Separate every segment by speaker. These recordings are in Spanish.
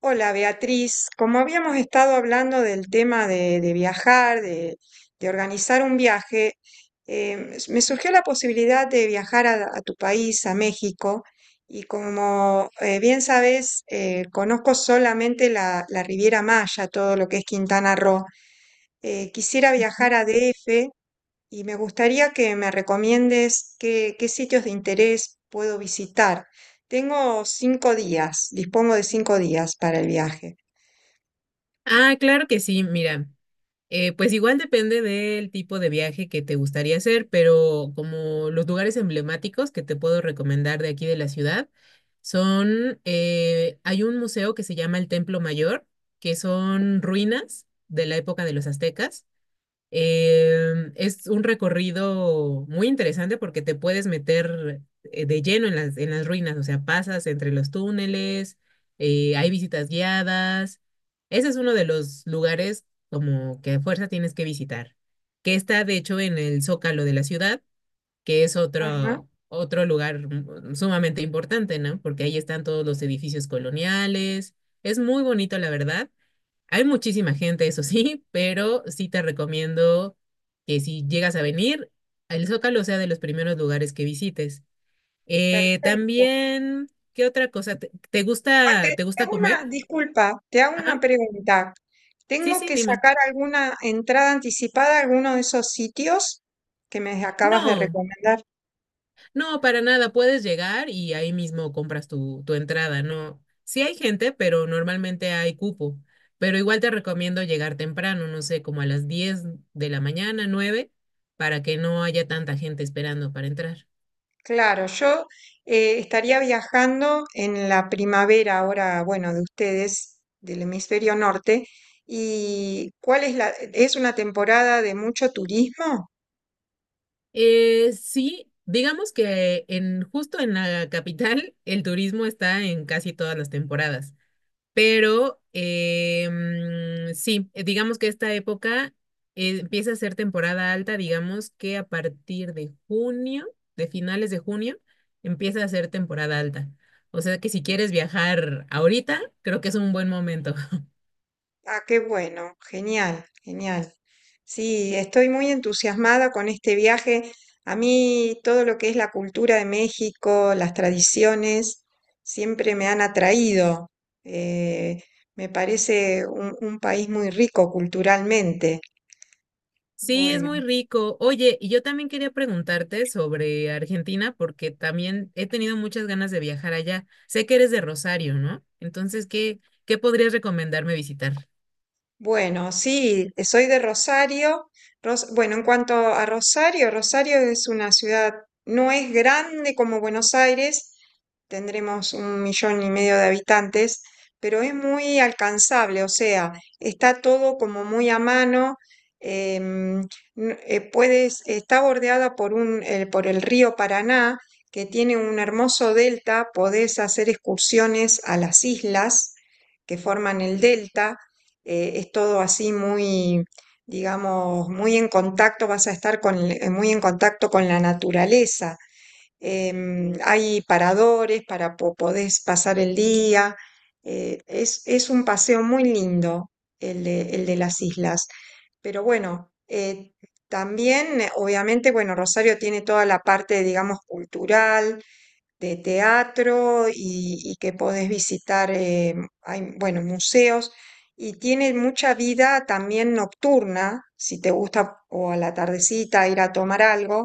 Speaker 1: Hola Beatriz, como habíamos estado hablando del tema de viajar, de organizar un viaje, me surgió la posibilidad de viajar a tu país, a México, y como bien sabes, conozco solamente la Riviera Maya, todo lo que es Quintana Roo. Quisiera viajar a DF y me gustaría que me recomiendes qué sitios de interés puedo visitar. Tengo cinco días, dispongo de cinco días para el viaje.
Speaker 2: Ah, claro que sí, mira, pues igual depende del tipo de viaje que te gustaría hacer, pero como los lugares emblemáticos que te puedo recomendar de aquí de la ciudad son, hay un museo que se llama el Templo Mayor, que son ruinas de la época de los aztecas. Es un recorrido muy interesante porque te puedes meter de lleno en en las ruinas, o sea, pasas entre los túneles, hay visitas guiadas. Ese es uno de los lugares como que a fuerza tienes que visitar, que está de hecho en el Zócalo de la ciudad, que es
Speaker 1: Ajá,
Speaker 2: otro lugar sumamente importante, ¿no? Porque ahí están todos los edificios coloniales. Es muy bonito, la verdad. Hay muchísima gente, eso sí, pero sí te recomiendo que si llegas a venir, el Zócalo sea de los primeros lugares que visites.
Speaker 1: perfecto.
Speaker 2: También, ¿qué otra cosa?
Speaker 1: Ah, te
Speaker 2: Te
Speaker 1: te
Speaker 2: gusta
Speaker 1: hago
Speaker 2: comer?
Speaker 1: una, disculpa, te hago
Speaker 2: Ajá.
Speaker 1: una pregunta.
Speaker 2: Sí,
Speaker 1: ¿Tengo
Speaker 2: sí,
Speaker 1: que
Speaker 2: dime.
Speaker 1: sacar alguna entrada anticipada a alguno de esos sitios que me acabas de
Speaker 2: No,
Speaker 1: recomendar?
Speaker 2: no, para nada. Puedes llegar y ahí mismo compras tu entrada, ¿no? Sí hay gente, pero normalmente hay cupo. Pero igual te recomiendo llegar temprano, no sé, como a las 10 de la mañana, 9, para que no haya tanta gente esperando para entrar.
Speaker 1: Claro, yo estaría viajando en la primavera ahora, bueno, de ustedes, del hemisferio norte. ¿Y cuál es la, es una temporada de mucho turismo?
Speaker 2: Sí, digamos que en justo en la capital el turismo está en casi todas las temporadas, pero sí, digamos que esta época empieza a ser temporada alta, digamos que a partir de junio, de finales de junio, empieza a ser temporada alta. O sea que si quieres viajar ahorita, creo que es un buen momento.
Speaker 1: Ah, qué bueno, genial, genial. Sí, estoy muy entusiasmada con este viaje. A mí todo lo que es la cultura de México, las tradiciones, siempre me han atraído. Eh, Me parece un país muy rico culturalmente.
Speaker 2: Sí, es muy
Speaker 1: Bueno.
Speaker 2: rico. Oye, y yo también quería preguntarte sobre Argentina porque también he tenido muchas ganas de viajar allá. Sé que eres de Rosario, ¿no? Entonces, ¿ qué podrías recomendarme visitar?
Speaker 1: Bueno, sí, soy de Rosario. Bueno, en cuanto a Rosario, Rosario es una ciudad, no es grande como Buenos Aires, tendremos un millón y medio de habitantes, pero es muy alcanzable, o sea, está todo como muy a mano. em, Puedes, está bordeada por por el río Paraná, que tiene un hermoso delta, podés hacer excursiones a las islas que forman el delta. Es todo así muy, digamos, muy en contacto, vas a estar muy en contacto con la naturaleza. Hay paradores para podés pasar el día. Es un paseo muy lindo el de las islas. Pero bueno, también, obviamente, bueno, Rosario tiene toda la parte, digamos, cultural de teatro y que podés visitar, hay, bueno, museos. Y tiene mucha vida también nocturna, si te gusta o a la tardecita ir a tomar algo.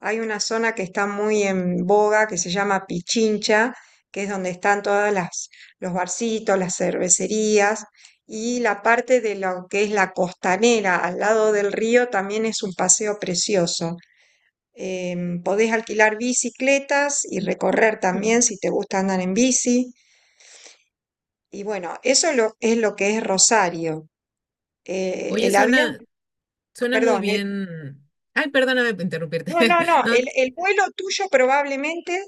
Speaker 1: Hay una zona que está muy en boga que se llama Pichincha, que es donde están todas las los barcitos, las cervecerías y la parte de lo que es la costanera al lado del río también es un paseo precioso. Podés alquilar bicicletas y recorrer también si te gusta andar en bici. Y bueno, es lo que es Rosario. Eh,
Speaker 2: Oye,
Speaker 1: el avión,
Speaker 2: suena muy
Speaker 1: Perdón,
Speaker 2: bien. Ay, perdóname por interrumpirte.
Speaker 1: no, no, no,
Speaker 2: No,
Speaker 1: el vuelo tuyo probablemente,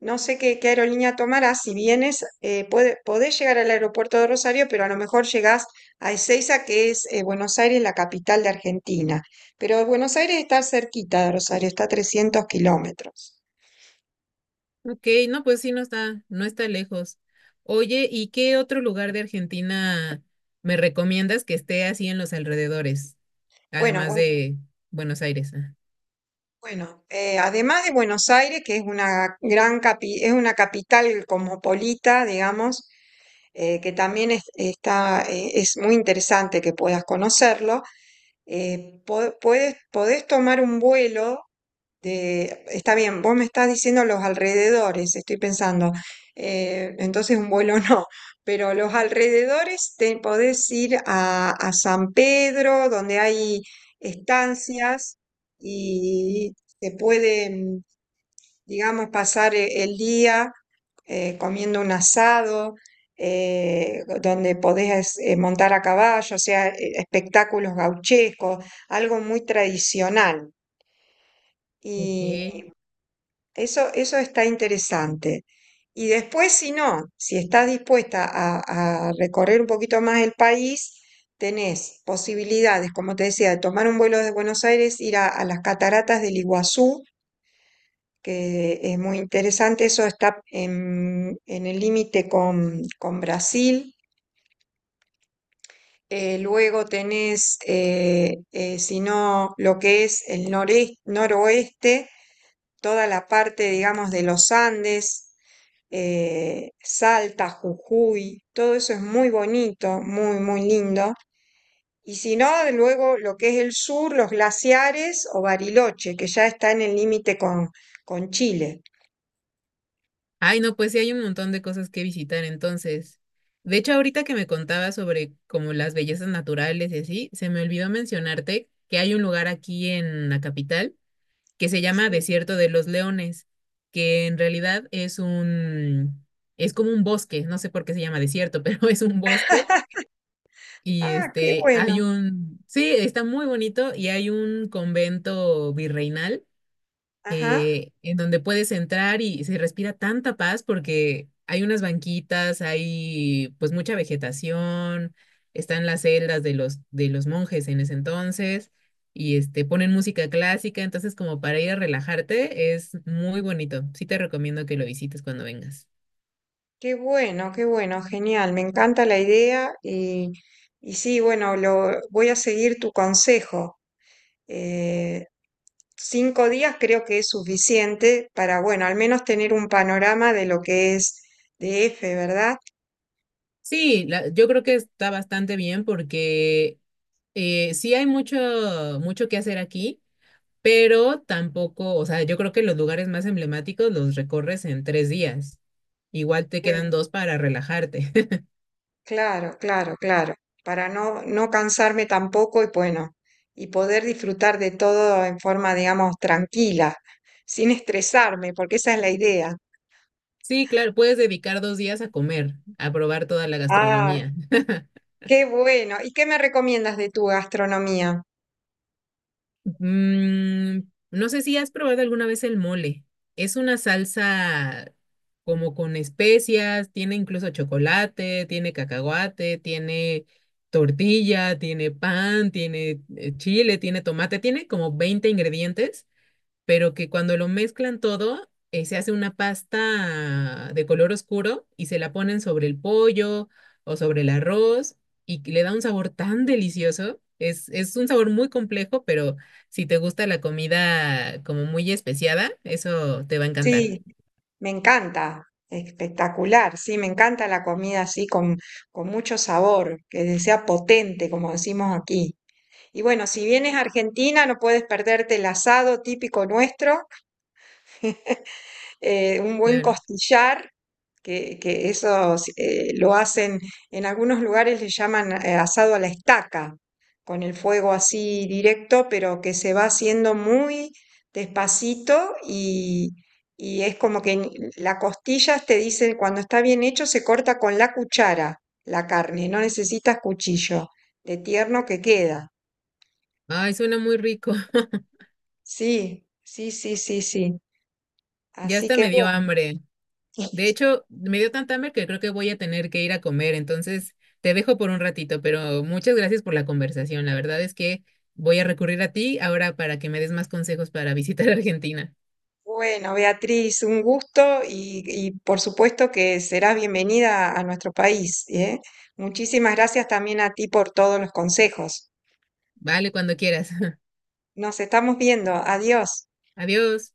Speaker 1: no sé qué aerolínea tomarás, si vienes, podés llegar al aeropuerto de Rosario, pero a lo mejor llegás a Ezeiza, que es Buenos Aires, la capital de Argentina. Pero Buenos Aires está cerquita de Rosario, está a 300 kilómetros.
Speaker 2: ok, no, pues sí, no está lejos. Oye, ¿y qué otro lugar de Argentina me recomiendas que esté así en los alrededores,
Speaker 1: Bueno,
Speaker 2: además
Speaker 1: bu-
Speaker 2: de Buenos Aires? ¿Ah?
Speaker 1: Bueno, además de Buenos Aires, que es una es una capital cosmopolita, digamos, que también está, es muy interesante que puedas conocerlo, podés tomar un vuelo está bien, vos me estás diciendo los alrededores, estoy pensando, entonces un vuelo no, pero los alrededores te podés ir a San Pedro, donde hay estancias y se puede, digamos, pasar el día comiendo un asado, donde podés montar a caballo, o sea, espectáculos gauchescos, algo muy tradicional.
Speaker 2: Ok.
Speaker 1: Eso está interesante. Y después, si no, si estás dispuesta a recorrer un poquito más el país, tenés posibilidades, como te decía, de tomar un vuelo desde Buenos Aires, ir a las cataratas del Iguazú, que es muy interesante, eso está en el límite con Brasil. Si no, lo que es el noreste, noroeste toda la parte, digamos, de los Andes, Salta, Jujuy, todo eso es muy bonito, muy, muy lindo. Y si no, luego lo que es el sur, los glaciares o Bariloche, que ya está en el límite con Chile.
Speaker 2: Ay, no, pues sí hay un montón de cosas que visitar entonces. De hecho, ahorita que me contabas sobre como las bellezas naturales y así, se me olvidó mencionarte que hay un lugar aquí en la capital que se llama
Speaker 1: Sí.
Speaker 2: Desierto de los Leones, que en realidad es como un bosque, no sé por qué se llama desierto, pero es un bosque y
Speaker 1: Ah, qué
Speaker 2: este,
Speaker 1: bueno.
Speaker 2: sí, está muy bonito y hay un convento virreinal
Speaker 1: Ajá,
Speaker 2: en donde puedes entrar y se respira tanta paz porque hay unas banquitas, hay pues mucha vegetación, están las celdas de de los monjes en ese entonces y este, ponen música clásica, entonces como para ir a relajarte es muy bonito. Sí te recomiendo que lo visites cuando vengas.
Speaker 1: qué bueno, genial. Me encanta la idea y sí, bueno, voy a seguir tu consejo. Eh, Cinco días creo que es suficiente para, bueno, al menos tener un panorama de lo que es D F, ¿verdad?
Speaker 2: Sí, la- yo creo que está bastante bien porque eh, sí hay mucho que hacer aquí pero tampoco, o sea, yo creo que los lugares más emblemáticos los recorres en 3 días. Igual te quedan dos para relajarte.
Speaker 1: Claro, claro, claro, claro, para no cansarme tampoco y bueno, y poder disfrutar de todo en forma, digamos, tranquila, sin estresarme, porque esa es la idea.
Speaker 2: Sí, claro, puedes dedicar 2 días a comer, a probar toda la
Speaker 1: Ah,
Speaker 2: gastronomía.
Speaker 1: qué bueno. ¿Y qué me recomiendas de tu gastronomía?
Speaker 2: Mm, no sé si has probado alguna vez el mole. Es una salsa como con especias, tiene incluso chocolate, tiene cacahuate, tiene tortilla, tiene pan, tiene chile, tiene tomate, tiene como 20 ingredientes pero que cuando lo mezclan todo, se hace una pasta de color oscuro y se la ponen sobre el pollo o sobre el arroz y que le da un sabor tan delicioso. Es un sabor muy complejo, pero si te gusta la comida como muy especiada, eso te va a encantar.
Speaker 1: Sí, me encanta, espectacular, sí, me encanta la comida así con mucho sabor, que sea potente, como decimos aquí. Y bueno, si vienes a Argentina no puedes perderte el asado típico nuestro, un buen
Speaker 2: Claro.
Speaker 1: costillar, que eso lo hacen, en algunos lugares le llaman asado a la estaca, con el fuego así directo, pero que se va haciendo muy despacito y es como que la costilla te dicen cuando está bien hecho, se corta con la cuchara la carne, no necesitas cuchillo, de tierno que queda.
Speaker 2: Ay, suena muy rico.
Speaker 1: Sí, sí, sí, sí, sí.
Speaker 2: Ya
Speaker 1: Así
Speaker 2: hasta
Speaker 1: que
Speaker 2: me dio
Speaker 1: bueno.
Speaker 2: hambre. De hecho, me dio tanta hambre que creo que voy a tener que ir a comer, entonces te dejo por un ratito, pero muchas gracias por la conversación. La verdad es que voy a recurrir a ti ahora para que me des más consejos para visitar Argentina.
Speaker 1: Bueno, Beatriz, un gusto y por supuesto que serás bienvenida a nuestro país, ¿eh? Muchísimas gracias también a ti por todos los consejos.
Speaker 2: Vale, cuando quieras.
Speaker 1: Nos estamos viendo. Adiós.
Speaker 2: Adiós.